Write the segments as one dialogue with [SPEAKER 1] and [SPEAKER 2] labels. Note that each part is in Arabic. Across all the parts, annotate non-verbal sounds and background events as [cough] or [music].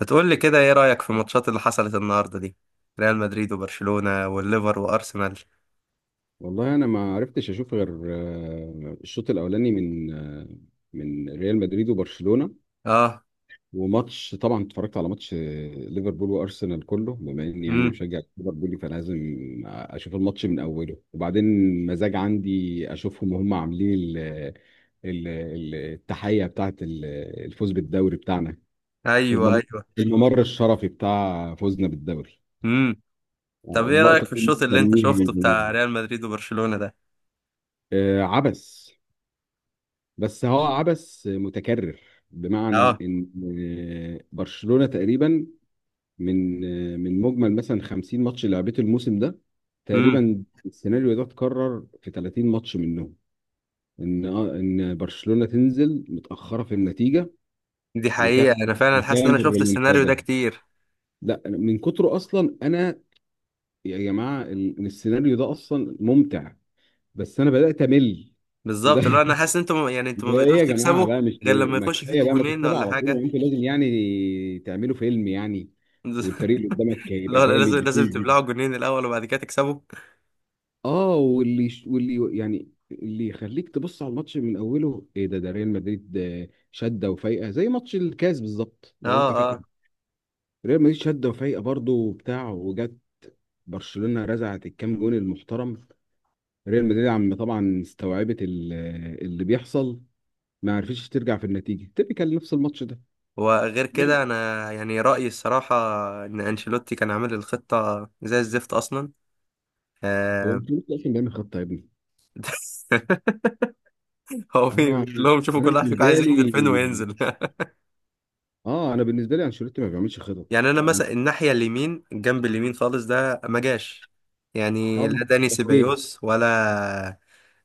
[SPEAKER 1] هتقول لي كده، ايه رأيك في الماتشات اللي حصلت النهارده دي؟ ريال مدريد وبرشلونة والليفر وارسنال.
[SPEAKER 2] والله انا ما عرفتش اشوف غير الشوط الاولاني من ريال مدريد وبرشلونه.
[SPEAKER 1] اه.
[SPEAKER 2] وماتش، طبعا اتفرجت على ماتش ليفربول وارسنال كله، بما اني يعني
[SPEAKER 1] امم.
[SPEAKER 2] مشجع ليفربولي فلازم اشوف الماتش من اوله، وبعدين مزاج عندي اشوفهم وهم عاملين التحيه بتاعه الفوز بالدوري بتاعنا،
[SPEAKER 1] ايوه،
[SPEAKER 2] المم-
[SPEAKER 1] ايوه.
[SPEAKER 2] الممر الشرفي بتاع فوزنا بالدوري،
[SPEAKER 1] امم. طب ايه رأيك
[SPEAKER 2] اللقطه
[SPEAKER 1] في
[SPEAKER 2] اللي كنا
[SPEAKER 1] الشوط اللي انت
[SPEAKER 2] مستنيها من
[SPEAKER 1] شفته بتاع
[SPEAKER 2] زمان.
[SPEAKER 1] ريال مدريد وبرشلونة ده؟
[SPEAKER 2] عبس، بس هو عبث متكرر، بمعنى
[SPEAKER 1] اه.
[SPEAKER 2] ان برشلونة تقريبا من من مجمل مثلا 50 ماتش اللي لعبته الموسم ده،
[SPEAKER 1] امم.
[SPEAKER 2] تقريبا السيناريو ده اتكرر في 30 ماتش منهم. ان برشلونة تنزل متأخرة في النتيجة
[SPEAKER 1] دي حقيقة،
[SPEAKER 2] وتعمل
[SPEAKER 1] انا فعلا حاسس ان انا
[SPEAKER 2] وتعمل
[SPEAKER 1] شفت السيناريو ده
[SPEAKER 2] ريمونتادا.
[SPEAKER 1] كتير.
[SPEAKER 2] لا من كتره اصلا انا، يا جماعة السيناريو ده اصلا ممتع، بس انا بدأت امل. [laughs] ده
[SPEAKER 1] بالظبط، لو انا حاسس ان انتوا يعني انتوا
[SPEAKER 2] ده
[SPEAKER 1] ما
[SPEAKER 2] ايه
[SPEAKER 1] بقيتوش
[SPEAKER 2] يا جماعه
[SPEAKER 1] تكسبوا
[SPEAKER 2] بقى؟ مش
[SPEAKER 1] غير لما
[SPEAKER 2] ما
[SPEAKER 1] يخش
[SPEAKER 2] كفايه
[SPEAKER 1] فيكوا
[SPEAKER 2] بقى ما
[SPEAKER 1] جونين
[SPEAKER 2] تكسبوا
[SPEAKER 1] ولا
[SPEAKER 2] على طول
[SPEAKER 1] حاجة.
[SPEAKER 2] وانتوا لازم يعني تعملوا فيلم يعني والفريق اللي
[SPEAKER 1] [laughs]
[SPEAKER 2] قدامك يبقى
[SPEAKER 1] لا، لا، لازم
[SPEAKER 2] جامد؟
[SPEAKER 1] لازم تبلعوا جونين الاول وبعد كده تكسبوا.
[SPEAKER 2] اه، واللي يعني اللي يخليك تبص على الماتش من اوله ايه؟ ده ريال مدريد شده وفايقه زي ماتش الكاس بالظبط لو
[SPEAKER 1] اه،
[SPEAKER 2] انت
[SPEAKER 1] اه.
[SPEAKER 2] فاكر. ريال مدريد شده وفايقه برضه وبتاع، وجت برشلونه رزعت الكام جون المحترم، ريال مدريد عم طبعا استوعبت اللي بيحصل، ما عرفتش ترجع في النتيجه تبقى نفس الماتش ده.
[SPEAKER 1] وغير كده انا يعني رايي الصراحه ان انشيلوتي كان عامل الخطه زي الزفت اصلا.
[SPEAKER 2] هو
[SPEAKER 1] آه،
[SPEAKER 2] انت لسه اصلا بيعمل خطه يا ابني؟
[SPEAKER 1] [laughs] هو
[SPEAKER 2] انا
[SPEAKER 1] بيقول لهم شوفوا
[SPEAKER 2] انا
[SPEAKER 1] كل واحد فيكم
[SPEAKER 2] بالنسبه
[SPEAKER 1] عايز ينزل
[SPEAKER 2] لي
[SPEAKER 1] فين وينزل. [laughs]
[SPEAKER 2] اه انا بالنسبه لي انشيلوتي ما بيعملش خطط.
[SPEAKER 1] يعني انا مثلا الناحيه اليمين، الجنب اليمين خالص ده ما جاش. يعني لا
[SPEAKER 2] اه،
[SPEAKER 1] داني
[SPEAKER 2] فاسكيز.
[SPEAKER 1] سيبايوس ولا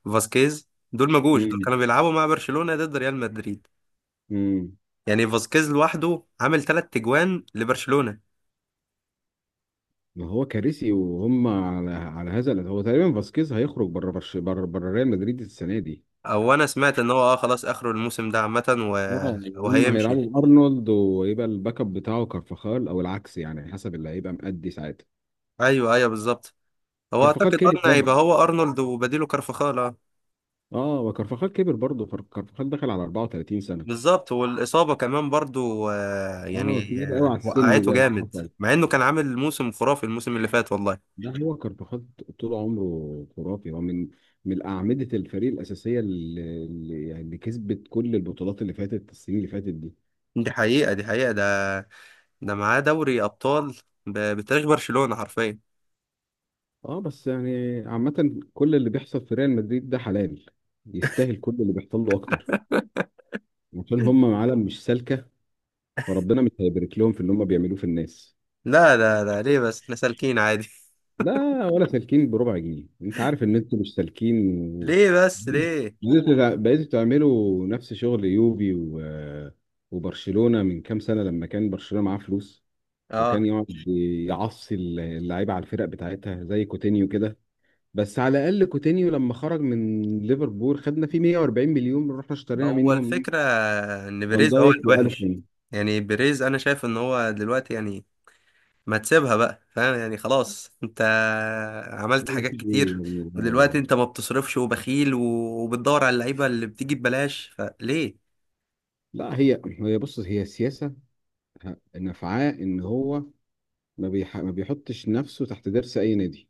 [SPEAKER 1] فاسكيز. دول ما جوش. دول
[SPEAKER 2] امم
[SPEAKER 1] كانوا بيلعبوا مع برشلونه ضد ريال مدريد.
[SPEAKER 2] امم
[SPEAKER 1] يعني فاسكيز لوحده عامل ثلاث تجوان لبرشلونه.
[SPEAKER 2] ما هو كارثي، وهم على هذا هو تقريبا فاسكيز هيخرج بره برش... بره بره ريال مدريد السنه دي.
[SPEAKER 1] او انا سمعت ان هو اه خلاص اخره الموسم ده عامه و...
[SPEAKER 2] اه يعني هم
[SPEAKER 1] وهيمشي.
[SPEAKER 2] هيلعبوا ارنولد ويبقى الباك اب بتاعه كارفاخال او العكس، يعني حسب اللي هيبقى مأدي ساعتها.
[SPEAKER 1] ايوه، ايوه، بالظبط. هو
[SPEAKER 2] كارفاخال
[SPEAKER 1] اعتقد
[SPEAKER 2] كبر
[SPEAKER 1] هيبقى
[SPEAKER 2] برضه.
[SPEAKER 1] هو ارنولد وبديله كارفخال.
[SPEAKER 2] اه، وكارفاخال كبر برضه، كارفاخال دخل على 34 سنه،
[SPEAKER 1] بالظبط. والاصابه كمان برضو،
[SPEAKER 2] اه،
[SPEAKER 1] يعني
[SPEAKER 2] تقيل قوي على السن
[SPEAKER 1] وقعته
[SPEAKER 2] ده.
[SPEAKER 1] جامد مع انه كان عامل موسم خرافي الموسم اللي فات والله.
[SPEAKER 2] لا، هو كارفاخال طول عمره خرافي، هو من أعمدة الفريق الأساسية، يعني اللي كسبت كل البطولات اللي فاتت، السنين اللي فاتت دي.
[SPEAKER 1] دي حقيقه، دي حقيقه. ده ده معاه دوري ابطال، بتاريخ برشلونه حرفيا.
[SPEAKER 2] اه بس يعني عامة كل اللي بيحصل في ريال مدريد ده حلال، يستاهل كل اللي بيحصل له أكتر، عشان هم عالم مش سالكة، فربنا مش هيبارك لهم في اللي هم بيعملوه في الناس.
[SPEAKER 1] لا، لا، لا، ليه بس؟ احنا سالكين عادي.
[SPEAKER 2] لا، ولا سالكين بربع جنيه، انت عارف ان انتوا مش سالكين
[SPEAKER 1] [laughs]
[SPEAKER 2] و
[SPEAKER 1] ليه بس ليه؟
[SPEAKER 2] بقيتوا تعملوا نفس شغل يوبي، و... وبرشلونة من كام سنة لما كان برشلونة معاه فلوس،
[SPEAKER 1] اه.
[SPEAKER 2] وكان يقعد يعصي اللعيبة على الفرق بتاعتها زي كوتينيو كده. بس على الأقل كوتينيو لما خرج من ليفربول خدنا فيه 140 مليون، رحنا اشترينا
[SPEAKER 1] هو
[SPEAKER 2] منهم
[SPEAKER 1] الفكره ان
[SPEAKER 2] فان
[SPEAKER 1] بيريز هو
[SPEAKER 2] دايك
[SPEAKER 1] الوحش.
[SPEAKER 2] وألفين.
[SPEAKER 1] يعني بيريز انا شايف ان هو دلوقتي يعني ما تسيبها بقى، فاهم؟ يعني خلاص، انت عملت حاجات كتير، ودلوقتي انت ما بتصرفش وبخيل، وبتدور على اللعيبه اللي بتيجي ببلاش، فليه؟
[SPEAKER 2] لا، هي بص، هي سياسة نفعاء ان هو ما بيحطش نفسه تحت درس اي نادي،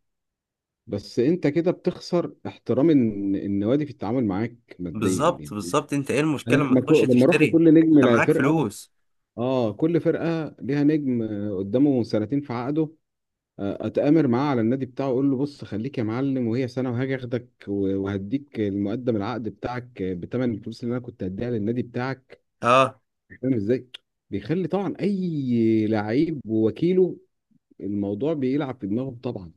[SPEAKER 2] بس انت كده بتخسر احترام النوادي في التعامل معاك ماديا
[SPEAKER 1] بالظبط،
[SPEAKER 2] يعني.
[SPEAKER 1] بالظبط. انت ايه المشكله
[SPEAKER 2] انا
[SPEAKER 1] ما تخش
[SPEAKER 2] لما اروح
[SPEAKER 1] تشتري؟
[SPEAKER 2] لكل نجم،
[SPEAKER 1] انت
[SPEAKER 2] لا
[SPEAKER 1] معاك
[SPEAKER 2] فرقه،
[SPEAKER 1] فلوس.
[SPEAKER 2] اه، كل فرقه ليها نجم، قدامه سنتين في عقده، اتامر معاه على النادي بتاعه، اقول له بص خليك يا معلم، وهي سنه وهاجي اخدك، و- وهديك المقدم العقد بتاعك بتمن الفلوس اللي انا كنت هديها للنادي بتاعك.
[SPEAKER 1] اه.
[SPEAKER 2] فاهم ازاي؟ بيخلي طبعا اي لعيب ووكيله الموضوع بيلعب في دماغه طبعا.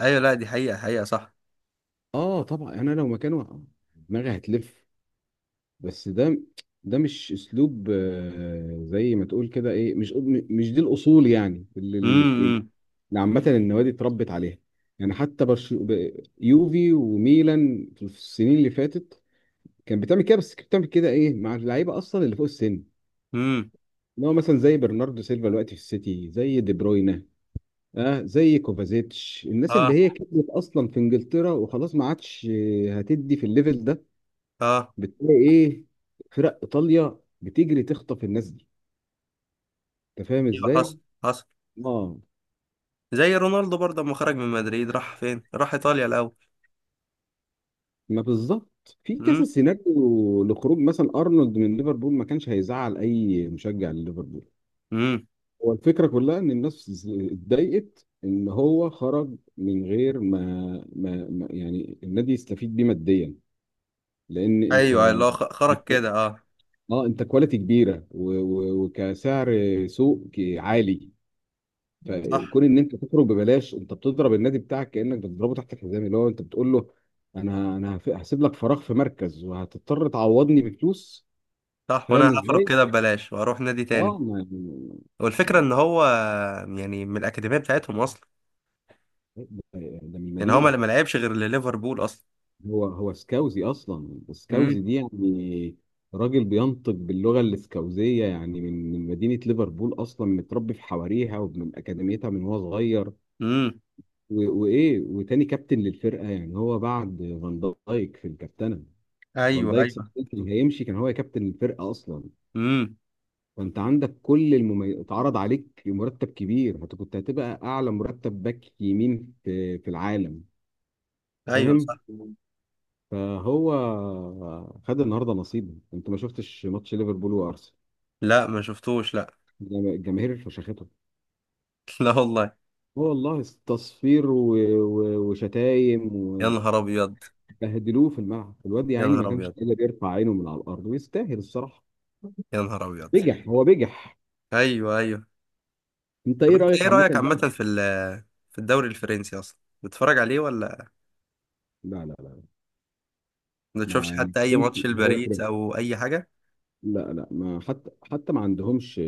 [SPEAKER 1] ايوه، لا، دي حقيقه، حقيقه، صح.
[SPEAKER 2] اه طبعا، يعني انا لو مكانه دماغي هتلف، بس ده مش اسلوب، زي ما تقول كده ايه، مش دي الاصول يعني، اللي
[SPEAKER 1] امم،
[SPEAKER 2] اللي
[SPEAKER 1] امم،
[SPEAKER 2] عامه النوادي اتربت عليها. يعني حتى يوفي وميلان في السنين اللي فاتت كان بتعمل كده، بس كانت بتعمل كده ايه مع اللعيبه اصلا اللي فوق السن،
[SPEAKER 1] امم.
[SPEAKER 2] اللي هو مثلا زي برناردو سيلفا دلوقتي في السيتي، زي دي بروينا، اه زي كوفازيتش، الناس اللي
[SPEAKER 1] اه،
[SPEAKER 2] هي كبرت اصلا في انجلترا وخلاص ما عادش هتدي في الليفل ده،
[SPEAKER 1] اه.
[SPEAKER 2] بتلاقي ايه، فرق ايطاليا بتجري تخطف الناس دي. انت فاهم
[SPEAKER 1] ايوه،
[SPEAKER 2] ازاي؟
[SPEAKER 1] حصل، حصل.
[SPEAKER 2] اه،
[SPEAKER 1] زي رونالدو برضه، لما خرج من مدريد راح فين؟ راح ايطاليا الاول.
[SPEAKER 2] ما بالظبط في
[SPEAKER 1] امم،
[SPEAKER 2] كذا سيناريو لخروج مثلا ارنولد من ليفربول، ما كانش هيزعل اي مشجع لليفربول.
[SPEAKER 1] امم.
[SPEAKER 2] هو الفكره كلها ان الناس اتضايقت ان هو خرج من غير ما يعني النادي يستفيد بيه ماديا، لان انت
[SPEAKER 1] ايوه، اللي هو خرج كده. اه.
[SPEAKER 2] اه انت كواليتي كبيره، و- و- وكسعر سوق عالي،
[SPEAKER 1] صح،
[SPEAKER 2] فكون ان انت تخرج ببلاش، انت بتضرب النادي بتاعك كانك بتضربه تحت الحزام، اللي هو انت بتقول له هسيب لك فراغ في مركز وهتضطر تعوضني بفلوس.
[SPEAKER 1] صح. وانا
[SPEAKER 2] فاهم
[SPEAKER 1] هخرج
[SPEAKER 2] ازاي؟
[SPEAKER 1] كده ببلاش واروح نادي
[SPEAKER 2] اه،
[SPEAKER 1] تاني.
[SPEAKER 2] ما ده
[SPEAKER 1] والفكرة ان هو يعني من الاكاديمية بتاعتهم اصلا.
[SPEAKER 2] ده من
[SPEAKER 1] يعني هو
[SPEAKER 2] المدينه.
[SPEAKER 1] ما لعبش غير لليفربول اصلا.
[SPEAKER 2] هو سكاوزي اصلا، سكاوزي
[SPEAKER 1] امم،
[SPEAKER 2] دي يعني راجل بينطق باللغه الاسكاوزيه، يعني من مدينه ليفربول اصلا متربي في حواريها ومن اكاديميتها من وهو صغير،
[SPEAKER 1] امم.
[SPEAKER 2] و- وايه، وتاني كابتن للفرقه، يعني هو بعد فان دايك في الكابتنه. فان
[SPEAKER 1] ايوه،
[SPEAKER 2] دايك
[SPEAKER 1] ايوه.
[SPEAKER 2] صدقني هيمشي، كان هو كابتن الفرقه اصلا.
[SPEAKER 1] امم.
[SPEAKER 2] فانت عندك كل المميز، اتعرض عليك مرتب كبير، كنت هتبقى اعلى مرتب باك يمين في العالم.
[SPEAKER 1] ايوه، صح.
[SPEAKER 2] فاهم؟ فهو خد النهارده نصيبه، انت ما شفتش ماتش ليفربول وارسنال؟
[SPEAKER 1] لا، ما شفتوش، لا.
[SPEAKER 2] الجماهير فشختهم،
[SPEAKER 1] [laughs] لا والله.
[SPEAKER 2] هو والله تصفير و... و... وشتايم،
[SPEAKER 1] يا نهار ابيض.
[SPEAKER 2] وبهدلوه في الملعب، الواد يا
[SPEAKER 1] يا
[SPEAKER 2] عيني
[SPEAKER 1] نهار
[SPEAKER 2] ما كانش
[SPEAKER 1] ابيض.
[SPEAKER 2] قادر يرفع عينه من على الارض، ويستاهل الصراحه،
[SPEAKER 1] يا نهار ابيض.
[SPEAKER 2] بجح هو بجح.
[SPEAKER 1] ايوه، ايوه.
[SPEAKER 2] انت
[SPEAKER 1] طب
[SPEAKER 2] ايه
[SPEAKER 1] انت
[SPEAKER 2] رايك
[SPEAKER 1] ايه
[SPEAKER 2] عامه
[SPEAKER 1] رأيك
[SPEAKER 2] بقى؟
[SPEAKER 1] عامة في في الدوري الفرنسي اصلا؟ بتتفرج عليه ولا
[SPEAKER 2] لا، لا، لا.
[SPEAKER 1] ما
[SPEAKER 2] ما
[SPEAKER 1] تشوفش
[SPEAKER 2] يعني
[SPEAKER 1] حتى اي
[SPEAKER 2] ممكن،
[SPEAKER 1] ماتش
[SPEAKER 2] لا، هو
[SPEAKER 1] لباريس
[SPEAKER 2] كده،
[SPEAKER 1] او اي حاجة؟
[SPEAKER 2] لا، لا، ما حتى ما عندهمش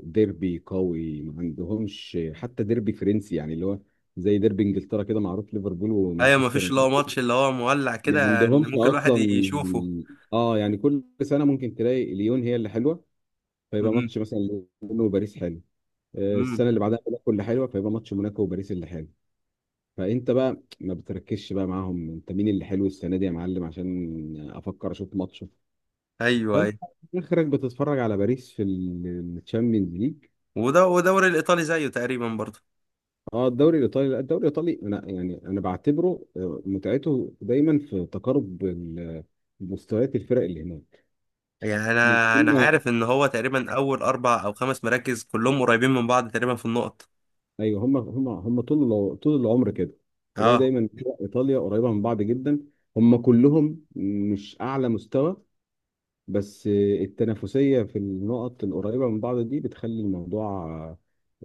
[SPEAKER 2] ديربي قوي، ما عندهمش حتى ديربي فرنسي، يعني اللي هو زي ديربي انجلترا كده معروف ليفربول
[SPEAKER 1] ايوه، ما
[SPEAKER 2] ومانشستر،
[SPEAKER 1] فيش اللي هو ماتش اللي هو مولع
[SPEAKER 2] ما
[SPEAKER 1] كده ان
[SPEAKER 2] عندهمش
[SPEAKER 1] ممكن الواحد
[SPEAKER 2] اصلا.
[SPEAKER 1] يشوفه.
[SPEAKER 2] اه يعني كل سنه ممكن تلاقي ليون هي اللي حلوه، فيبقى
[SPEAKER 1] امم،
[SPEAKER 2] ماتش مثلا ليون وباريس حلو،
[SPEAKER 1] امم.
[SPEAKER 2] السنه اللي بعدها موناكو اللي حلوه فيبقى ماتش موناكو وباريس اللي حلو، فانت بقى ما بتركزش بقى معاهم، انت مين اللي حلو السنه دي يا معلم عشان افكر اشوف ماتش،
[SPEAKER 1] ايوه،
[SPEAKER 2] فانت
[SPEAKER 1] ايوه.
[SPEAKER 2] اخرك بتتفرج على باريس في الشامبيونز ليج.
[SPEAKER 1] وده، ودوري الايطالي زيه تقريبا برضه.
[SPEAKER 2] اه الدوري الايطالي، لا الدوري الايطالي، انا بعتبره متعته دايما في تقارب مستويات الفرق اللي هناك،
[SPEAKER 1] يعني
[SPEAKER 2] يعني
[SPEAKER 1] انا
[SPEAKER 2] هم،
[SPEAKER 1] عارف ان هو تقريبا اول اربع او خمس مراكز كلهم قريبين من بعض تقريبا في النقط.
[SPEAKER 2] ايوه، هم طول العمر كده، تلاقي
[SPEAKER 1] اه،
[SPEAKER 2] دايما فرق ايطاليا قريبه من بعض جدا، هم كلهم مش اعلى مستوى، بس التنافسية في النقط القريبة من بعض دي بتخلي الموضوع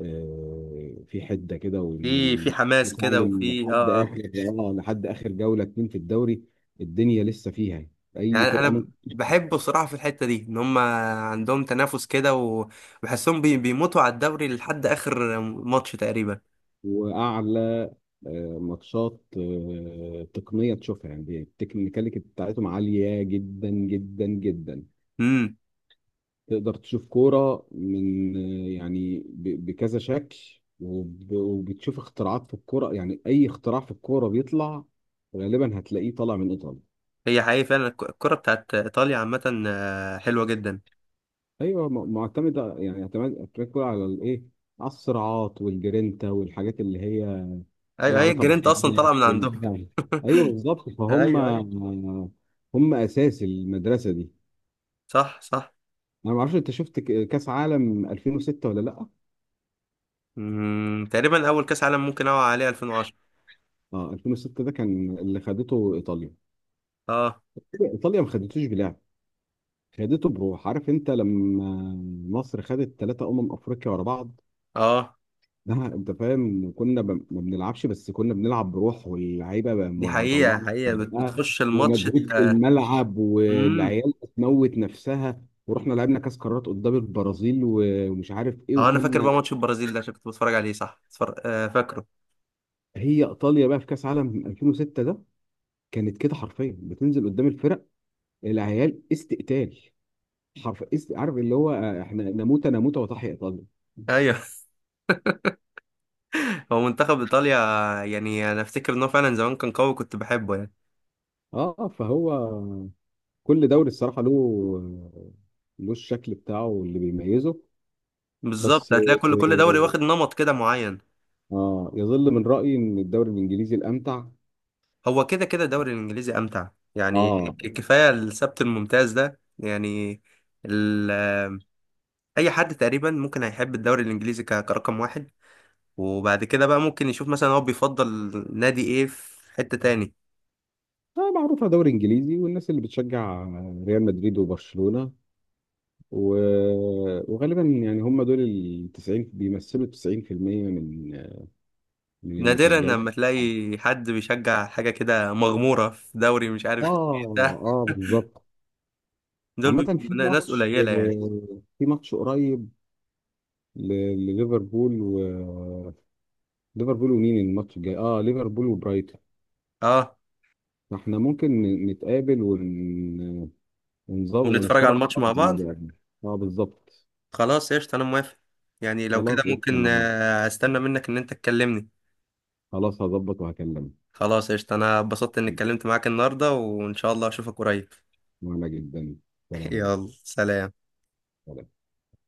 [SPEAKER 2] في حدة كده، وإن
[SPEAKER 1] في حماس كده
[SPEAKER 2] المتعلم
[SPEAKER 1] وفي
[SPEAKER 2] لحد
[SPEAKER 1] اه آه.
[SPEAKER 2] آخر، لحد آخر جولة اتنين في الدوري الدنيا لسه فيها يعني. أي
[SPEAKER 1] يعني
[SPEAKER 2] فرقة
[SPEAKER 1] انا
[SPEAKER 2] ممكن
[SPEAKER 1] بحب
[SPEAKER 2] تكسب.
[SPEAKER 1] بصراحه في الحته دي ان هم عندهم تنافس كده، وبحسهم بيموتوا على الدوري لحد اخر ماتش تقريبا.
[SPEAKER 2] وأعلى ماتشات تقنية تشوفها، يعني التكنيكاليتي بتاعتهم عالية جدا جدا جدا،
[SPEAKER 1] امم.
[SPEAKER 2] تقدر تشوف كورة من، يعني ب- بكذا شكل، وب- وبتشوف اختراعات في الكورة، يعني أي اختراع في الكورة بيطلع غالبا هتلاقيه طالع من إيطاليا.
[SPEAKER 1] هي حقيقي، فعلا الكره بتاعت ايطاليا عامه، حلوه جدا.
[SPEAKER 2] أيوة معتمدة، يعني اعتماد كورة على الإيه؟ على الصراعات والجرينتا والحاجات اللي هي ليها
[SPEAKER 1] ايوه، هي
[SPEAKER 2] علاقة
[SPEAKER 1] الجرينتا اصلا
[SPEAKER 2] بالحيوانات
[SPEAKER 1] طالعه من عندهم.
[SPEAKER 2] وال-، أيوة
[SPEAKER 1] [laughs]
[SPEAKER 2] بالظبط، فهم
[SPEAKER 1] ايوه، ايوه.
[SPEAKER 2] هم أساس المدرسة دي.
[SPEAKER 1] صح، صح.
[SPEAKER 2] أنا معرفش أنت شفت كأس عالم 2006 ولا لأ؟
[SPEAKER 1] تقريبا اول كاس عالم ممكن اوعى عليه 2010.
[SPEAKER 2] اه، 2006 ده كان اللي خدته ايطاليا.
[SPEAKER 1] اه،
[SPEAKER 2] ايطاليا ما خدتوش بلعب، خدته بروح، عارف انت لما مصر خدت ثلاثة افريقيا ورا بعض،
[SPEAKER 1] اه.
[SPEAKER 2] ده انت فاهم كنا ما بنلعبش، بس كنا بنلعب بروح، واللعيبه بقى
[SPEAKER 1] دي حقيقه،
[SPEAKER 2] مطلعه
[SPEAKER 1] حقيقه،
[SPEAKER 2] بقى
[SPEAKER 1] بتخش الماتش
[SPEAKER 2] ومجهود في
[SPEAKER 1] انت.
[SPEAKER 2] الملعب
[SPEAKER 1] امم.
[SPEAKER 2] والعيال بتموت نفسها، ورحنا لعبنا كاس قارات قدام البرازيل و- ومش عارف ايه
[SPEAKER 1] اه، انا فاكر
[SPEAKER 2] وكنا.
[SPEAKER 1] بقى ماتش البرازيل ده عشان كنت بتفرج عليه. صح، اتفرج... آه فاكره.
[SPEAKER 2] هي ايطاليا بقى في كاس عالم 2006 ده كانت كده حرفيا بتنزل قدام الفرق، العيال استقتال، عارف اللي هو احنا نموت نموت وتحيا ايطاليا.
[SPEAKER 1] ايوه. [laughs] هو منتخب ايطاليا، يعني انا افتكر ان هو فعلا زمان كان قوي، كنت بحبه يعني.
[SPEAKER 2] اه فهو كل دوري الصراحه له الشكل بتاعه اللي بيميزه، بس،
[SPEAKER 1] بالظبط، هتلاقي كل كل دوري واخد نمط كده معين.
[SPEAKER 2] اه يظل من رايي ان الدوري الانجليزي الامتع.
[SPEAKER 1] هو كده كده الدوري الانجليزي امتع. يعني
[SPEAKER 2] اه
[SPEAKER 1] كفايه السبت الممتاز ده يعني. ال... آه، اي حد تقريبا ممكن هيحب الدوري الانجليزي كرقم واحد. وبعد كده بقى ممكن يشوف مثلا هو بيفضل نادي ايه في حتة تاني.
[SPEAKER 2] معروفه دوري انجليزي، والناس اللي بتشجع ريال مدريد وبرشلونه و... وغالبا يعني هم دول ال 90 بيمثلوا 90% من من
[SPEAKER 1] نادرا
[SPEAKER 2] المشجعين.
[SPEAKER 1] لما تلاقي حد بيشجع حاجة كده مغمورة في دوري مش
[SPEAKER 2] اه،
[SPEAKER 1] عارف ايه ده.
[SPEAKER 2] اه، بالظبط.
[SPEAKER 1] دول
[SPEAKER 2] عامة
[SPEAKER 1] بيبقوا
[SPEAKER 2] في
[SPEAKER 1] ناس
[SPEAKER 2] ماتش
[SPEAKER 1] قليلة يعني.
[SPEAKER 2] قريب ل- لليفربول و ليفربول، ومين الماتش الجاي؟ اه ليفربول وبرايتون،
[SPEAKER 1] اه.
[SPEAKER 2] فاحنا ممكن نتقابل ونظبط
[SPEAKER 1] ونتفرج على
[SPEAKER 2] ونتفرج
[SPEAKER 1] الماتش
[SPEAKER 2] سوا
[SPEAKER 1] مع بعض.
[SPEAKER 2] على الماتش ده. اه بالظبط،
[SPEAKER 1] خلاص قشطة، انا موافق. يعني لو
[SPEAKER 2] خلاص
[SPEAKER 1] كده
[SPEAKER 2] قشطة،
[SPEAKER 1] ممكن
[SPEAKER 2] أنا-
[SPEAKER 1] استنى منك ان انت تكلمني.
[SPEAKER 2] خلاص هظبط وهكلمك،
[SPEAKER 1] خلاص قشطة، انا اتبسطت اني اتكلمت معاك النهاردة وان شاء الله اشوفك قريب.
[SPEAKER 2] وانا جدا.
[SPEAKER 1] [laughs]
[SPEAKER 2] سلام.
[SPEAKER 1] يلا، سلام.
[SPEAKER 2] سلام.